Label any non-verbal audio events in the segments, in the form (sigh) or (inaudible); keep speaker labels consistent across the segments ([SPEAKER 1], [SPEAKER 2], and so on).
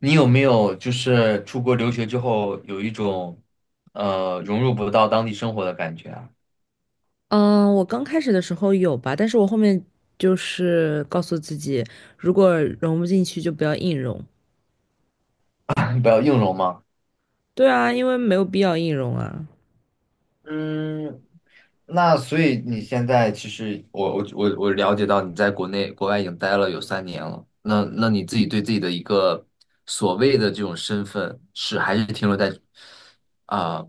[SPEAKER 1] 你有没有就是出国留学之后有一种融入不到当地生活的感觉啊？
[SPEAKER 2] 嗯，我刚开始的时候有吧，但是我后面就是告诉自己，如果融不进去就不要硬融。
[SPEAKER 1] (laughs) 不要硬融吗？
[SPEAKER 2] 对啊，因为没有必要硬融啊。
[SPEAKER 1] 嗯，那所以你现在其实我了解到你在国内国外已经待了有三年了，那你自己对自己的一个所谓的这种身份是还是停留在啊、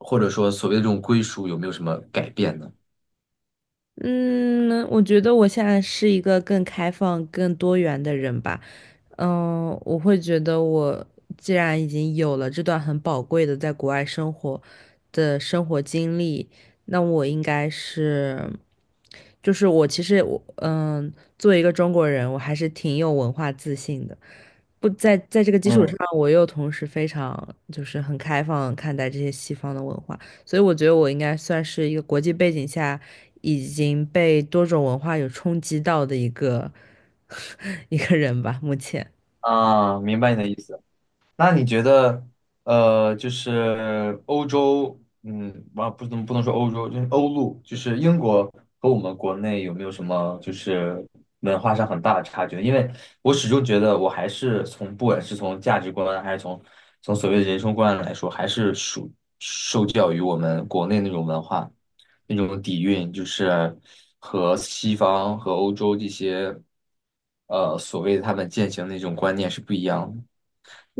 [SPEAKER 1] 或者说所谓的这种归属有没有什么改变呢？
[SPEAKER 2] 嗯，我觉得我现在是一个更开放、更多元的人吧。我会觉得我既然已经有了这段很宝贵的在国外生活的生活经历，那我应该是，就是我其实我嗯，作为一个中国人，我还是挺有文化自信的。不在这个基础
[SPEAKER 1] 嗯
[SPEAKER 2] 上，我又同时非常就是很开放看待这些西方的文化，所以我觉得我应该算是一个国际背景下已经被多种文化有冲击到的一个 (laughs) 一个人吧，目前。
[SPEAKER 1] 啊，明白你的意思。那你觉得，就是欧洲，不能说欧洲，就是欧陆，就是英国和我们国内有没有什么就是文化上很大的差距？因为我始终觉得，我还是从不管是从价值观，还是从所谓的人生观来说，还是属受教于我们国内那种文化那种底蕴，就是和西方和欧洲这些，所谓他们践行的那种观念是不一样的。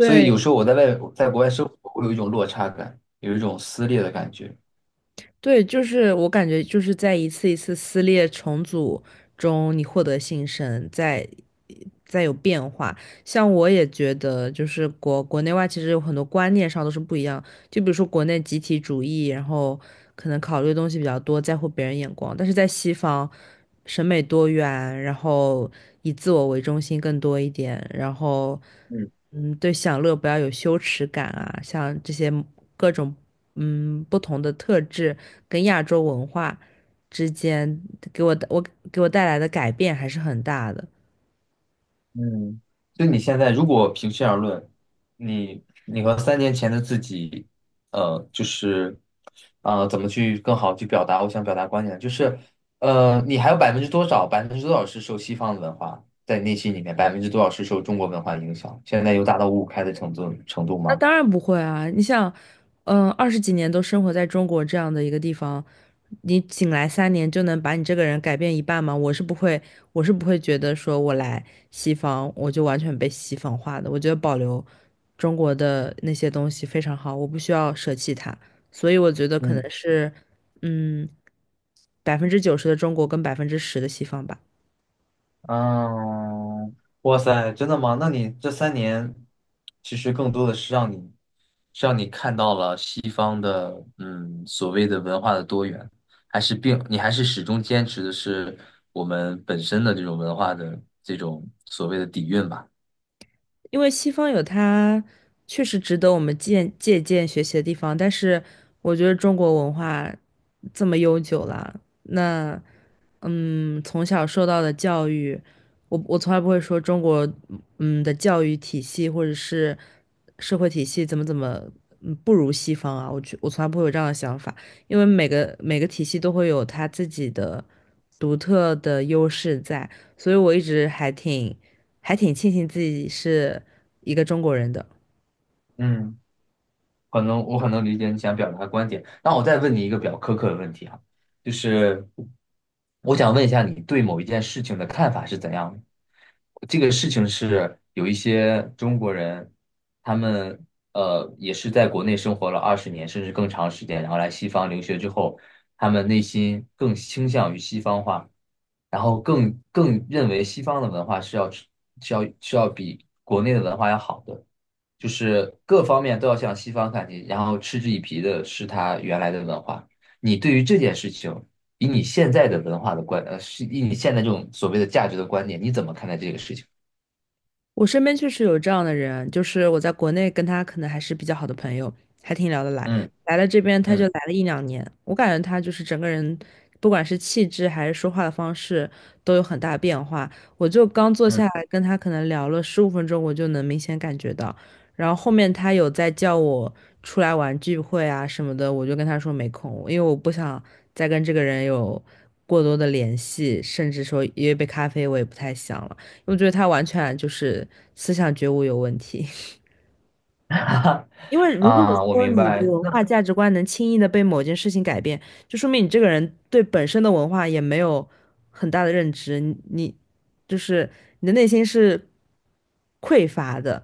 [SPEAKER 1] 所以有时候我在国外生活，会有一种落差感，有一种撕裂的感觉。
[SPEAKER 2] 对，就是我感觉就是在一次一次撕裂重组中，你获得新生，在有变化。像我也觉得，就是国内外其实有很多观念上都是不一样。就比如说国内集体主义，然后可能考虑的东西比较多，在乎别人眼光，但是在西方，审美多元，然后以自我为中心更多一点，然后
[SPEAKER 1] 嗯
[SPEAKER 2] 对享乐不要有羞耻感啊，像这些各种。不同的特质跟亚洲文化之间给我的我给我带来的改变还是很大的。
[SPEAKER 1] 嗯，就你现在，如果平心而论，你和3年前的自己，就是，怎么去更好去表达我想表达观点？就是，你还有百分之多少，百分之多少是受西方的文化在内心里面，百分之多少是受中国文化影响？现在有达到五五开的程度
[SPEAKER 2] 那
[SPEAKER 1] 吗？
[SPEAKER 2] 当然不会啊！你想，20几年都生活在中国这样的一个地方，你仅来3年就能把你这个人改变一半吗？我是不会，我是不会觉得说我来西方我就完全被西方化的。我觉得保留中国的那些东西非常好，我不需要舍弃它。所以我觉得可
[SPEAKER 1] 嗯。
[SPEAKER 2] 能是，嗯，90%的中国跟10%的西方吧。
[SPEAKER 1] 嗯，哇塞，真的吗？那你这三年，其实更多的是让你看到了西方的，所谓的文化的多元，还是你还是始终坚持的是我们本身的这种文化的这种所谓的底蕴吧？
[SPEAKER 2] 因为西方有它确实值得我们借鉴学习的地方，但是我觉得中国文化这么悠久了，那从小受到的教育，我从来不会说中国的教育体系或者是社会体系怎么怎么不如西方啊，我从来不会有这样的想法，因为每个体系都会有它自己的独特的优势在，所以我一直还挺庆幸自己是一个中国人的。
[SPEAKER 1] 嗯。可能我很能理解你想表达的观点。那我再问你一个比较苛刻的问题哈，就是我想问一下你对某一件事情的看法是怎样的？这个事情是有一些中国人，他们也是在国内生活了20年甚至更长时间，然后来西方留学之后，他们内心更倾向于西方化，然后更认为西方的文化是要是要是要比国内的文化要好的。就是各方面都要向西方看齐，然后嗤之以鼻的是他原来的文化。你对于这件事情，以你现在的文化的是以你现在这种所谓的价值的观点，你怎么看待这个事情？
[SPEAKER 2] 我身边确实有这样的人，就是我在国内跟他可能还是比较好的朋友，还挺聊得来。
[SPEAKER 1] 嗯
[SPEAKER 2] 来了这边他就
[SPEAKER 1] 嗯
[SPEAKER 2] 来了一两年，我感觉他就是整个人，不管是气质还是说话的方式，都有很大变化。我就刚坐
[SPEAKER 1] 嗯。
[SPEAKER 2] 下来跟他可能聊了15分钟，我就能明显感觉到。然后后面他有在叫我出来玩聚会啊什么的，我就跟他说没空，因为我不想再跟这个人有过多的联系，甚至说约杯咖啡我也不太想了。我觉得他完全就是思想觉悟有问题。(laughs)
[SPEAKER 1] (laughs)
[SPEAKER 2] 因为如果
[SPEAKER 1] 啊，我
[SPEAKER 2] 说
[SPEAKER 1] 明
[SPEAKER 2] 你的
[SPEAKER 1] 白。
[SPEAKER 2] 文化
[SPEAKER 1] 那
[SPEAKER 2] 价值观能轻易的被某件事情改变，就说明你这个人对本身的文化也没有很大的认知，你就是你的内心是匮乏的，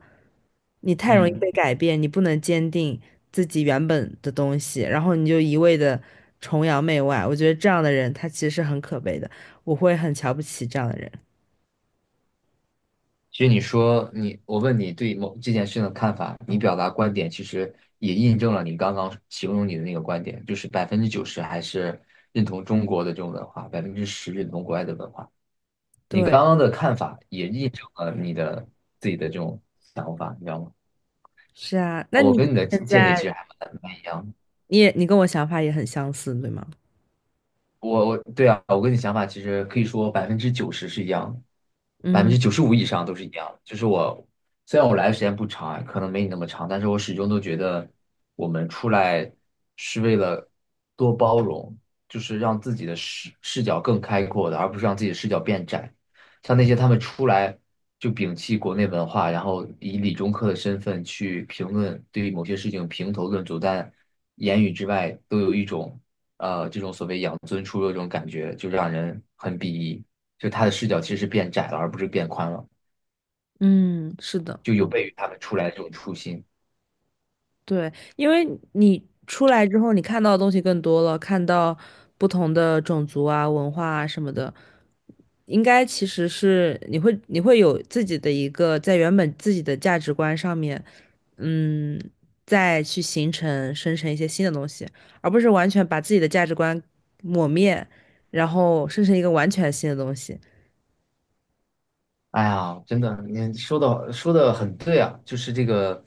[SPEAKER 2] 你太容易
[SPEAKER 1] 嗯，
[SPEAKER 2] 被改变，你不能坚定自己原本的东西，然后你就一味的崇洋媚外。我觉得这样的人他其实是很可悲的，我会很瞧不起这样的人。
[SPEAKER 1] 其实你说你，我问你对某这件事情的看法，你表达观点，其实也印证了你刚刚形容你的那个观点，就是百分之九十还是认同中国的这种文化，10%认同国外的文化。你
[SPEAKER 2] 对，
[SPEAKER 1] 刚刚的看法也印证了你的自己的这种想法，你知道吗？
[SPEAKER 2] 是啊，那
[SPEAKER 1] 我
[SPEAKER 2] 你
[SPEAKER 1] 跟你的
[SPEAKER 2] 现
[SPEAKER 1] 见解其实
[SPEAKER 2] 在
[SPEAKER 1] 还蛮一样的。
[SPEAKER 2] 你也你跟我想法也很相似，对吗？
[SPEAKER 1] 我对啊，我跟你想法其实可以说百分之九十是一样的，百分
[SPEAKER 2] 嗯
[SPEAKER 1] 之九十五以上都是一样的。就是虽然我来的时间不长啊，可能没你那么长，但是我始终都觉得我们出来是为了多包容，就是让自己的视角更开阔的，而不是让自己的视角变窄。像那些他们出来就摒弃国内文化，然后以理中客的身份去评论，对于某些事情评头论足，但言语之外都有一种。这种所谓养尊处优这种感觉，就让人很鄙夷。就他的视角其实是变窄了，而不是变宽了，
[SPEAKER 2] 嗯，是的，
[SPEAKER 1] 就有悖于他们出来的这种初心。
[SPEAKER 2] 对，因为你出来之后，你看到的东西更多了，看到不同的种族啊、文化啊什么的，应该其实是你会有自己的一个在原本自己的价值观上面，嗯，再去生成一些新的东西，而不是完全把自己的价值观抹灭，然后生成一个完全新的东西。
[SPEAKER 1] 哎呀，真的，你说的很对啊，就是这个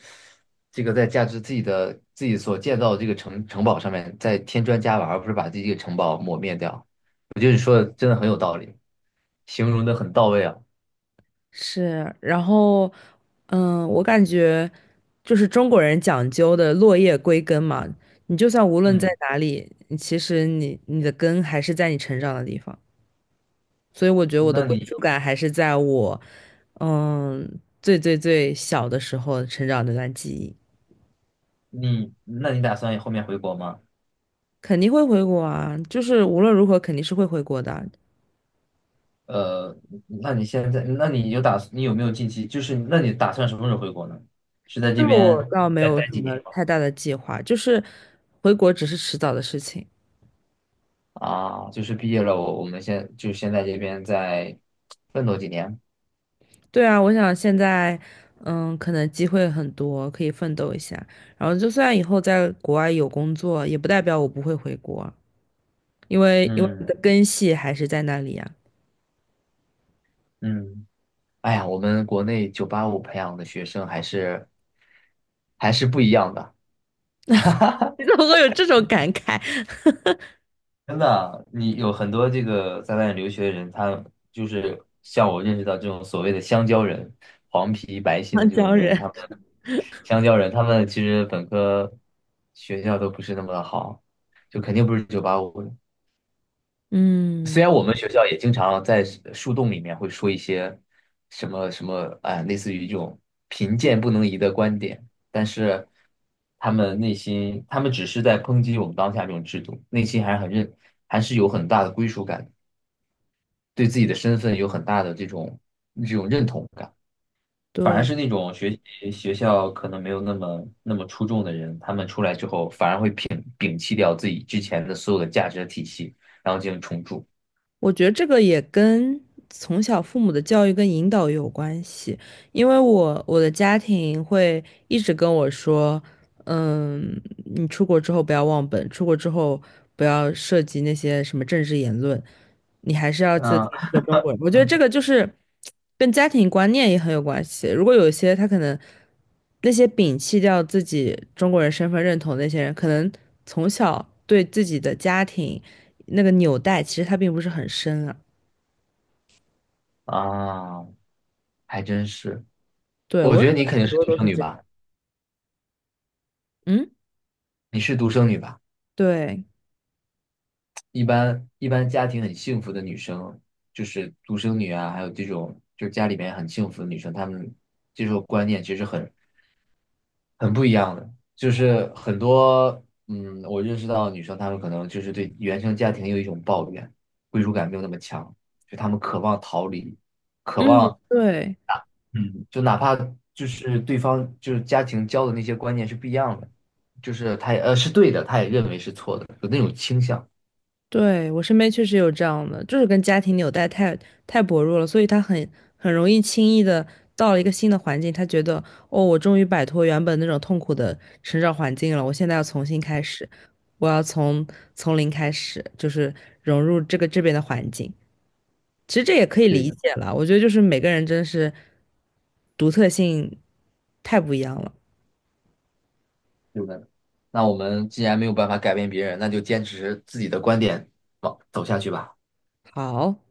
[SPEAKER 1] 这个在价值自己所建造的这个城堡上面再添砖加瓦，而不是把自己这个城堡抹灭掉。我觉得你说的真的很有道理，形容的很到位啊。
[SPEAKER 2] 是，然后我感觉。就是中国人讲究的落叶归根嘛，你就算无论在
[SPEAKER 1] 嗯，
[SPEAKER 2] 哪里，你其实你的根还是在你成长的地方，所以我觉得我的
[SPEAKER 1] 那
[SPEAKER 2] 归
[SPEAKER 1] 你
[SPEAKER 2] 属感还是在我最最最小的时候成长的那段记忆，
[SPEAKER 1] 那你打算后面回国吗？
[SPEAKER 2] 肯定会回国啊，就是无论如何肯定是会回国的，
[SPEAKER 1] 呃，那你现在，那你有打，算？你有没有近期，就是那你打算什么时候回国呢？是在这
[SPEAKER 2] 这个我
[SPEAKER 1] 边
[SPEAKER 2] 倒没
[SPEAKER 1] 再
[SPEAKER 2] 有
[SPEAKER 1] 待
[SPEAKER 2] 什
[SPEAKER 1] 几年
[SPEAKER 2] 么
[SPEAKER 1] 吗？
[SPEAKER 2] 太大的计划，就是回国只是迟早的事情。
[SPEAKER 1] 啊，就是毕业了，我们先在这边再奋斗几年。
[SPEAKER 2] 对啊，我想现在，可能机会很多，可以奋斗一下。然后，就算以后在国外有工作，也不代表我不会回国，因为我
[SPEAKER 1] 嗯
[SPEAKER 2] 的根系还是在那里呀、
[SPEAKER 1] 嗯，哎呀，我们国内九八五培养的学生还是不一样的，
[SPEAKER 2] (laughs)
[SPEAKER 1] (laughs)
[SPEAKER 2] 你怎么会有这种感慨？(laughs)
[SPEAKER 1] 真的啊，你有很多这个在外面留学的人，他就是像我认识到这种所谓的香蕉人，黄皮白心的
[SPEAKER 2] 长
[SPEAKER 1] 这种
[SPEAKER 2] 江
[SPEAKER 1] 人，他
[SPEAKER 2] 人，
[SPEAKER 1] 们香蕉人，他们其实本科学校都不是那么的好，就肯定不是九八五的。
[SPEAKER 2] (laughs)
[SPEAKER 1] 虽
[SPEAKER 2] 嗯，
[SPEAKER 1] 然我们学校也经常在树洞里面会说一些什么什么啊、类似于这种贫贱不能移的观点，但是他们内心，他们只是在抨击我们当下这种制度，内心还是有很大的归属感，对自己的身份有很大的这种认同感。反而
[SPEAKER 2] 对。
[SPEAKER 1] 是那种学校可能没有那么那么出众的人，他们出来之后反而会摒弃掉自己之前的所有的价值体系，然后进行重铸。
[SPEAKER 2] 我觉得这个也跟从小父母的教育跟引导有关系，因为我的家庭会一直跟我说，嗯，你出国之后不要忘本，出国之后不要涉及那些什么政治言论，你还是要记得自
[SPEAKER 1] 嗯，
[SPEAKER 2] 己是个中国人。我觉得这个就是跟家庭观念也很有关系。如果有一些他可能那些摒弃掉自己中国人身份认同的那些人，可能从小对自己的家庭。那个纽带，其实它并不是很深啊。
[SPEAKER 1] 啊，还真是。
[SPEAKER 2] 对，我
[SPEAKER 1] 我
[SPEAKER 2] 认
[SPEAKER 1] 觉得
[SPEAKER 2] 识
[SPEAKER 1] 你肯
[SPEAKER 2] 很
[SPEAKER 1] 定是
[SPEAKER 2] 多
[SPEAKER 1] 独
[SPEAKER 2] 都
[SPEAKER 1] 生
[SPEAKER 2] 是
[SPEAKER 1] 女
[SPEAKER 2] 这
[SPEAKER 1] 吧？
[SPEAKER 2] 样。嗯，
[SPEAKER 1] 你是独生女吧？
[SPEAKER 2] 对，
[SPEAKER 1] 一般家庭很幸福的女生，就是独生女啊，还有这种就是家里面很幸福的女生，她们接受观念其实很不一样的。就是很多我认识到的女生，她们可能就是对原生家庭有一种抱怨，归属感没有那么强，就她们渴望逃离，渴
[SPEAKER 2] 嗯，
[SPEAKER 1] 望。
[SPEAKER 2] 对，
[SPEAKER 1] 嗯就哪怕就是对方就是家庭教的那些观念是不一样的，就是他也是对的，他也认为是错的，有那种倾向，
[SPEAKER 2] 对，我身边确实有这样的，就是跟家庭纽带太薄弱了，所以他很容易轻易的到了一个新的环境，他觉得哦，我终于摆脱原本那种痛苦的成长环境了，我现在要重新开始，我要从零开始，就是融入这边的环境。其实这也可以
[SPEAKER 1] 对
[SPEAKER 2] 理
[SPEAKER 1] 的，
[SPEAKER 2] 解了，我觉得就是每个人真是独特性太不一样了。
[SPEAKER 1] 对的。那我们既然没有办法改变别人，那就坚持自己的观点，走下去吧。
[SPEAKER 2] 好。